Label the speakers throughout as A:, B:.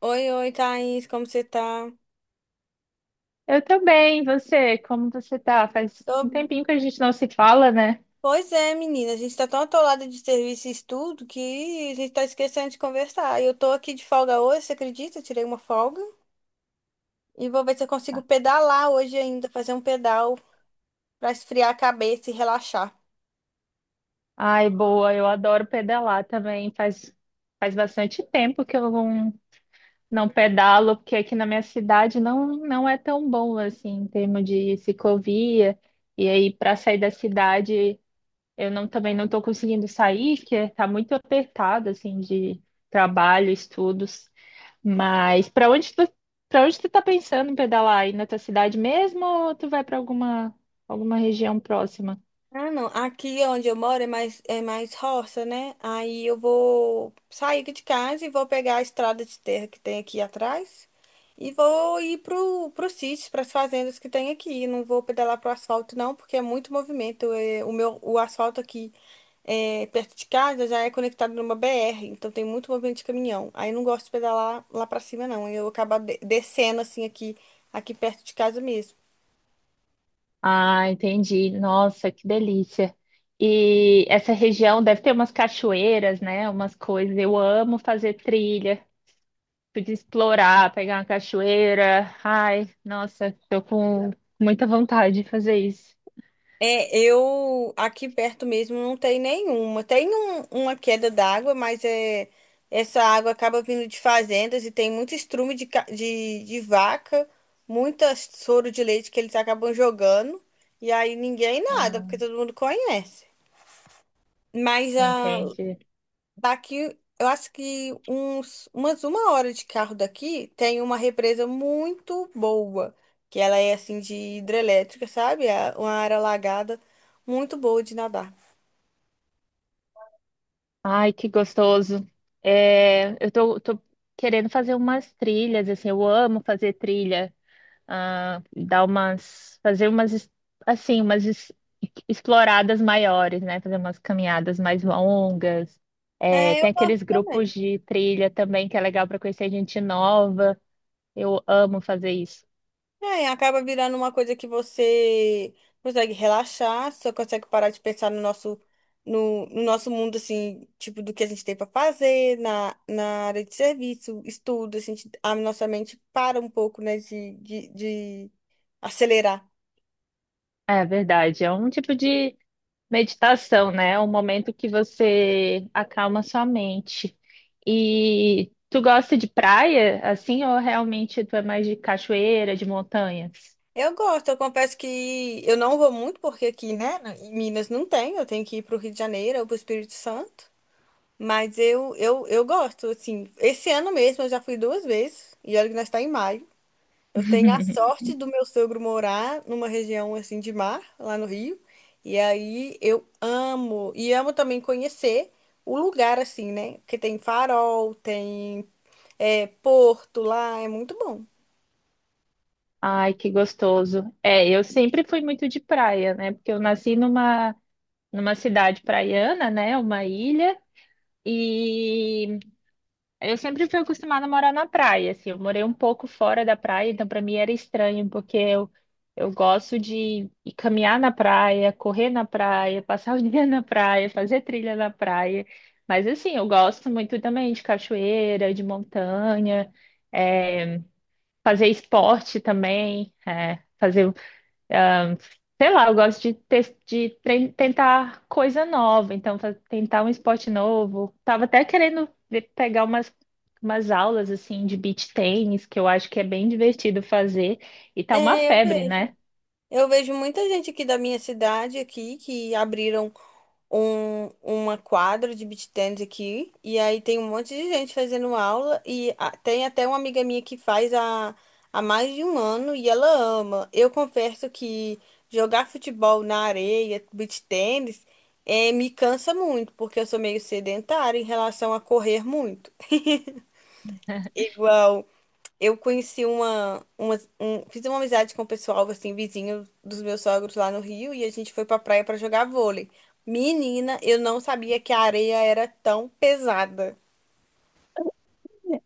A: Oi, oi, Thaís, como você tá?
B: Eu também, você, como você tá? Faz um
A: Tô-
B: tempinho que a gente não se fala, né?
A: Pois é, menina, a gente tá tão atolada de serviço e estudo que a gente tá esquecendo de conversar. Eu tô aqui de folga hoje, você acredita? Eu tirei uma folga e vou ver se eu consigo pedalar hoje ainda, fazer um pedal pra esfriar a cabeça e relaxar.
B: Ai, boa, eu adoro pedalar também. Faz bastante tempo que eu não pedalo, porque aqui na minha cidade não é tão bom assim, em termos de ciclovia. E aí, para sair da cidade, Eu também não estou conseguindo sair, que está muito apertado, assim, de trabalho, estudos. Mas para onde tu tá pensando em pedalar? Aí na tua cidade mesmo ou tu vai para alguma região próxima?
A: Ah, não. Aqui onde eu moro é mais roça, né? Aí eu vou sair aqui de casa e vou pegar a estrada de terra que tem aqui atrás e vou ir pro sítio, para as fazendas que tem aqui. Não vou pedalar pro asfalto, não, porque é muito movimento. É, o meu, o asfalto aqui é, perto de casa já é conectado numa BR, então tem muito movimento de caminhão. Aí eu não gosto de pedalar lá para cima, não. Eu acabo descendo assim aqui, aqui perto de casa mesmo.
B: Ah, entendi. Nossa, que delícia. E essa região deve ter umas cachoeiras, né? Umas coisas. Eu amo fazer trilha, podia explorar, pegar uma cachoeira. Ai, nossa, tô com muita vontade de fazer isso.
A: É, eu aqui perto mesmo não tem nenhuma. Tem uma queda d'água, mas é, essa água acaba vindo de fazendas e tem muito estrume de vaca, muita soro de leite que eles acabam jogando. E aí ninguém nada, porque
B: Ah.
A: todo mundo conhece. Mas a
B: Entende?
A: daqui, eu acho que uns, umas uma hora de carro daqui tem uma represa muito boa, que ela é assim de hidrelétrica, sabe? É uma área alagada muito boa de nadar.
B: Ai, que gostoso. É, eu tô querendo fazer umas trilhas, assim, eu amo fazer trilha, dar umas, fazer umas exploradas maiores, né? Fazer umas caminhadas mais longas. É,
A: É, eu
B: tem
A: gosto
B: aqueles
A: também.
B: grupos de trilha também que é legal para conhecer gente nova. Eu amo fazer isso.
A: É, acaba virando uma coisa que você consegue relaxar, só consegue parar de pensar no nosso, no nosso mundo, assim, tipo, do que a gente tem para fazer, na área de serviço, estudo, a gente, a nossa mente para um pouco, né, de acelerar.
B: É verdade, é um tipo de meditação, né? É um momento que você acalma sua mente. E tu gosta de praia, assim, ou realmente tu é mais de cachoeira, de montanhas?
A: Eu gosto, eu confesso que eu não vou muito porque aqui, né, na- em Minas não tem, eu tenho que ir para o Rio de Janeiro ou para o Espírito Santo, mas eu gosto, assim, esse ano mesmo eu já fui duas vezes, e olha que nós está em maio, eu tenho a sorte do meu sogro morar numa região, assim, de mar, lá no Rio, e aí eu amo, e amo também conhecer o lugar, assim, né, porque tem farol, tem, é, porto lá, é muito bom.
B: Ai, que gostoso. É, eu sempre fui muito de praia, né? Porque eu nasci numa cidade praiana, né? Uma ilha. E eu sempre fui acostumada a morar na praia, assim, eu morei um pouco fora da praia, então para mim era estranho, porque eu gosto de ir caminhar na praia, correr na praia, passar o dia na praia, fazer trilha na praia, mas assim, eu gosto muito também de cachoeira, de montanha, é, fazer esporte também, fazer... Sei lá, eu gosto de tentar coisa nova, então tentar um esporte novo. Tava até querendo pegar umas aulas assim de beach tennis, que eu acho que é bem divertido fazer, e tá uma
A: É, eu
B: febre,
A: vejo.
B: né?
A: Eu vejo muita gente aqui da minha cidade aqui que abriram um, uma quadra de beach tennis aqui e aí tem um monte de gente fazendo aula e tem até uma amiga minha que faz há, há mais de um ano e ela ama. Eu confesso que jogar futebol na areia, beach tennis, me cansa muito porque eu sou meio sedentária em relação a correr muito. Igual eu conheci fiz uma amizade com o pessoal assim vizinho dos meus sogros lá no Rio e a gente foi pra praia pra jogar vôlei. Menina, eu não sabia que a areia era tão pesada.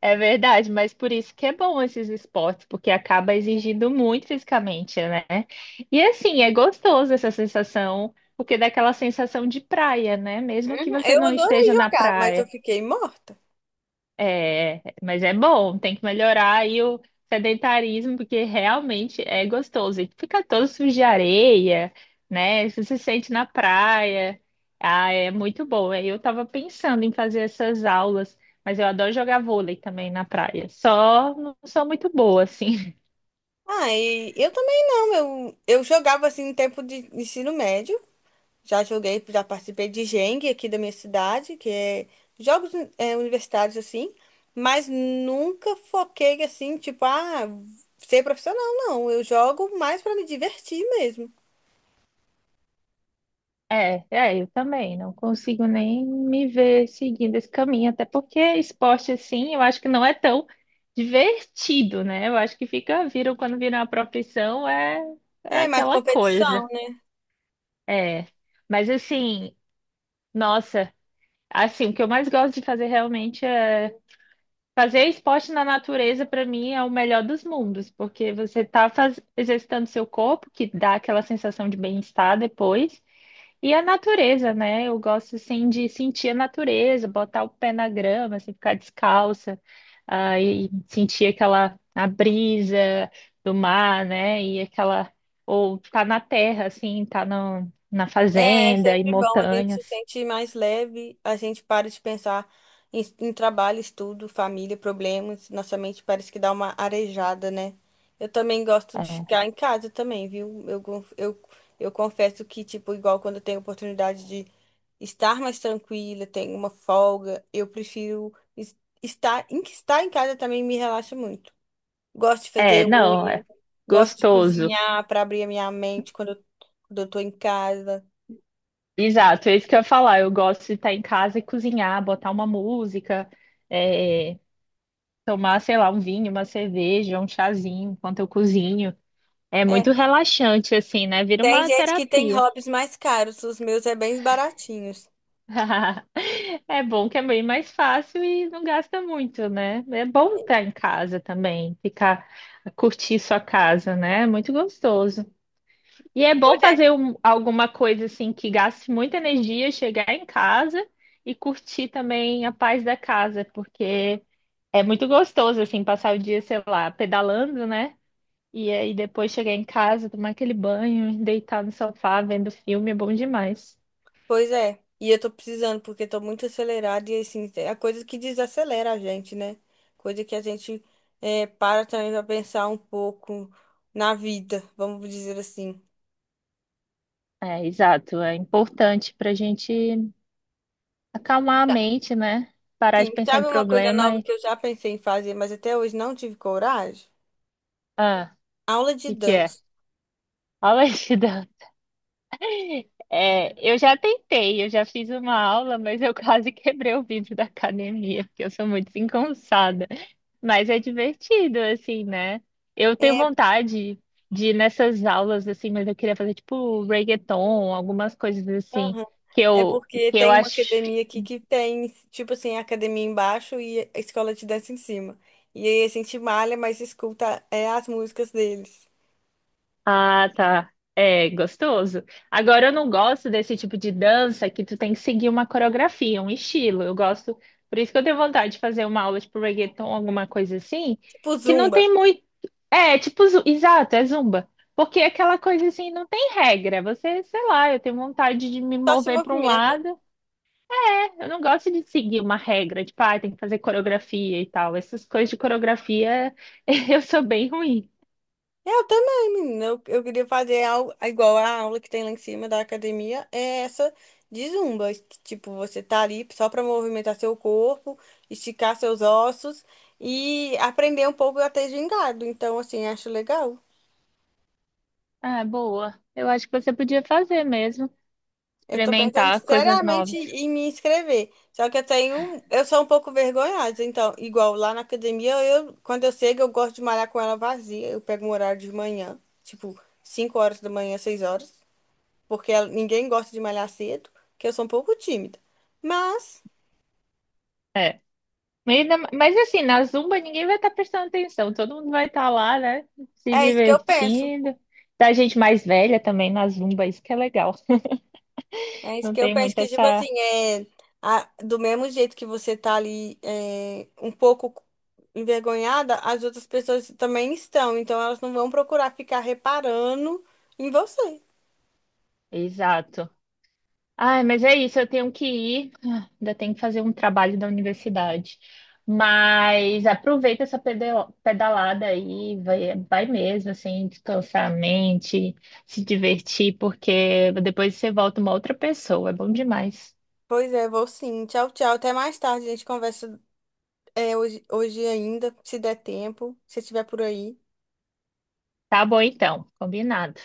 B: É verdade, mas por isso que é bom esses esportes, porque acaba exigindo muito fisicamente, né? E assim, é gostoso essa sensação, porque dá aquela sensação de praia, né? Mesmo que você
A: Eu
B: não
A: adorei
B: esteja na
A: jogar, mas eu
B: praia.
A: fiquei morta.
B: É, mas é bom, tem que melhorar aí o sedentarismo, porque realmente é gostoso. E fica todo sujo de areia, né? Você se sente na praia. Ah, é muito bom. Aí eu estava pensando em fazer essas aulas, mas eu adoro jogar vôlei também na praia. Só não sou muito boa, assim.
A: Ah, e eu também não. Eu jogava assim no tempo de ensino médio. Já joguei, já participei de Jengue aqui da minha cidade, que é jogos universitários assim, mas nunca foquei assim, tipo, ah, ser profissional, não. Eu jogo mais para me divertir mesmo.
B: Eu também não consigo nem me ver seguindo esse caminho, até porque esporte assim, eu acho que não é tão divertido, né? Eu acho que fica, viram quando vira uma profissão, é
A: É, mais
B: aquela
A: competição,
B: coisa.
A: né?
B: É, mas assim, nossa, assim, o que eu mais gosto de fazer realmente é fazer esporte na natureza, para mim, é o melhor dos mundos, porque você tá exercitando seu corpo, que dá aquela sensação de bem-estar depois. E a natureza, né? Eu gosto assim de sentir a natureza, botar o pé na grama, assim, ficar descalça, ah, e sentir aquela a brisa do mar, né? E aquela ou tá na terra, assim, tá no, na
A: É, é
B: fazenda e
A: sempre bom, a gente se
B: montanhas.
A: sente mais leve, a gente para de pensar em trabalho, estudo, família, problemas, nossa mente parece que dá uma arejada, né? Eu também gosto de ficar em casa também, viu? Eu confesso que, tipo, igual quando eu tenho oportunidade de estar mais tranquila, tenho uma folga, eu prefiro estar em que estar em casa também me relaxa muito. Gosto de fazer
B: Não,
A: unha,
B: é
A: gosto de
B: gostoso.
A: cozinhar para abrir a minha mente quando quando eu tô em casa.
B: Exato, é isso que eu ia falar. Eu gosto de estar em casa e cozinhar, botar uma música, é, tomar, sei lá, um vinho, uma cerveja, um chazinho enquanto eu cozinho. É
A: É,
B: muito relaxante, assim, né? Vira
A: tem
B: uma
A: gente que tem
B: terapia.
A: hobbies mais caros, os meus é bem baratinhos.
B: É bom que é bem mais fácil e não gasta muito, né? É bom estar em casa também, ficar, curtir sua casa, né? É muito gostoso. E é
A: Pois
B: bom fazer
A: é.
B: alguma coisa assim que gaste muita energia, chegar em casa e curtir também a paz da casa, porque é muito gostoso assim passar o dia, sei lá, pedalando, né? E aí depois chegar em casa, tomar aquele banho, deitar no sofá vendo filme é bom demais.
A: Pois é. E eu tô precisando, porque tô muito acelerada e assim, é coisa que desacelera a gente, né? Coisa que a gente é, para também pra pensar um pouco na vida, vamos dizer assim.
B: É, exato. É importante para a gente acalmar a
A: Tá.
B: mente, né? Parar de
A: Sim,
B: pensar em
A: sabe uma coisa
B: problema
A: nova
B: e...
A: que eu já pensei em fazer, mas até hoje não tive coragem?
B: Ah,
A: Aula
B: o
A: de
B: que que é?
A: dança.
B: Alexida. É, eu já tentei, eu já fiz uma aula, mas eu quase quebrei o vidro da academia, porque eu sou muito desengonçada. Mas é divertido, assim, né? Eu tenho
A: É,
B: vontade de ir nessas aulas, assim, mas eu queria fazer, tipo, reggaeton, algumas coisas assim,
A: aham.
B: que
A: É
B: eu,
A: porque
B: que eu
A: tem uma
B: acho.
A: academia aqui que tem, tipo assim, a academia embaixo e a escola de dança em cima. E aí a gente malha, mas escuta é, as músicas deles.
B: Ah, tá. É gostoso. Agora, eu não gosto desse tipo de dança que tu tem que seguir uma coreografia, um estilo. Eu gosto, por isso que eu tenho vontade de fazer uma aula tipo reggaeton, alguma coisa assim,
A: Tipo
B: que não
A: Zumba.
B: tem muito. É, exato, é zumba. Porque aquela coisa assim não tem regra. Você, sei lá, eu tenho vontade de me
A: Só se
B: mover para um
A: movimenta.
B: lado. É, eu não gosto de seguir uma regra, tipo, ah, tem que fazer coreografia e tal. Essas coisas de coreografia eu sou bem ruim.
A: Eu também, menina. Eu queria fazer algo igual a aula que tem lá em cima da academia. É essa de Zumba. Que, tipo, você tá ali só pra movimentar seu corpo, esticar seus ossos e aprender um pouco a ter gingado. Então, assim, acho legal.
B: Ah, boa. Eu acho que você podia fazer mesmo,
A: Eu tô pensando
B: experimentar coisas
A: seriamente
B: novas.
A: em me inscrever. Só que eu tenho, eu sou um pouco vergonhosa. Então, igual lá na academia, eu, quando eu chego, eu gosto de malhar com ela vazia. Eu pego um horário de manhã, tipo 5 horas da manhã, 6 horas, porque ninguém gosta de malhar cedo, que eu sou um pouco tímida. Mas
B: É. Mas assim, na Zumba ninguém vai estar prestando atenção, todo mundo vai estar lá, né? Se
A: é isso que eu penso.
B: divertindo. Da gente mais velha também na Zumba, isso que é legal.
A: É isso
B: Não
A: que eu
B: tem
A: penso
B: muito
A: que, tipo assim,
B: essa.
A: é do mesmo jeito que você tá ali é, um pouco envergonhada, as outras pessoas também estão, então elas não vão procurar ficar reparando em você.
B: Exato. Ai, mas é isso, eu tenho que ir. Ah, ainda tenho que fazer um trabalho da universidade. Mas aproveita essa pedalada aí, vai mesmo, assim, descansar a mente, se divertir, porque depois você volta uma outra pessoa. É bom demais.
A: Pois é, vou sim. Tchau, tchau. Até mais tarde. A gente conversa é, hoje, hoje ainda, se der tempo, se estiver por aí.
B: Tá bom, então, combinado.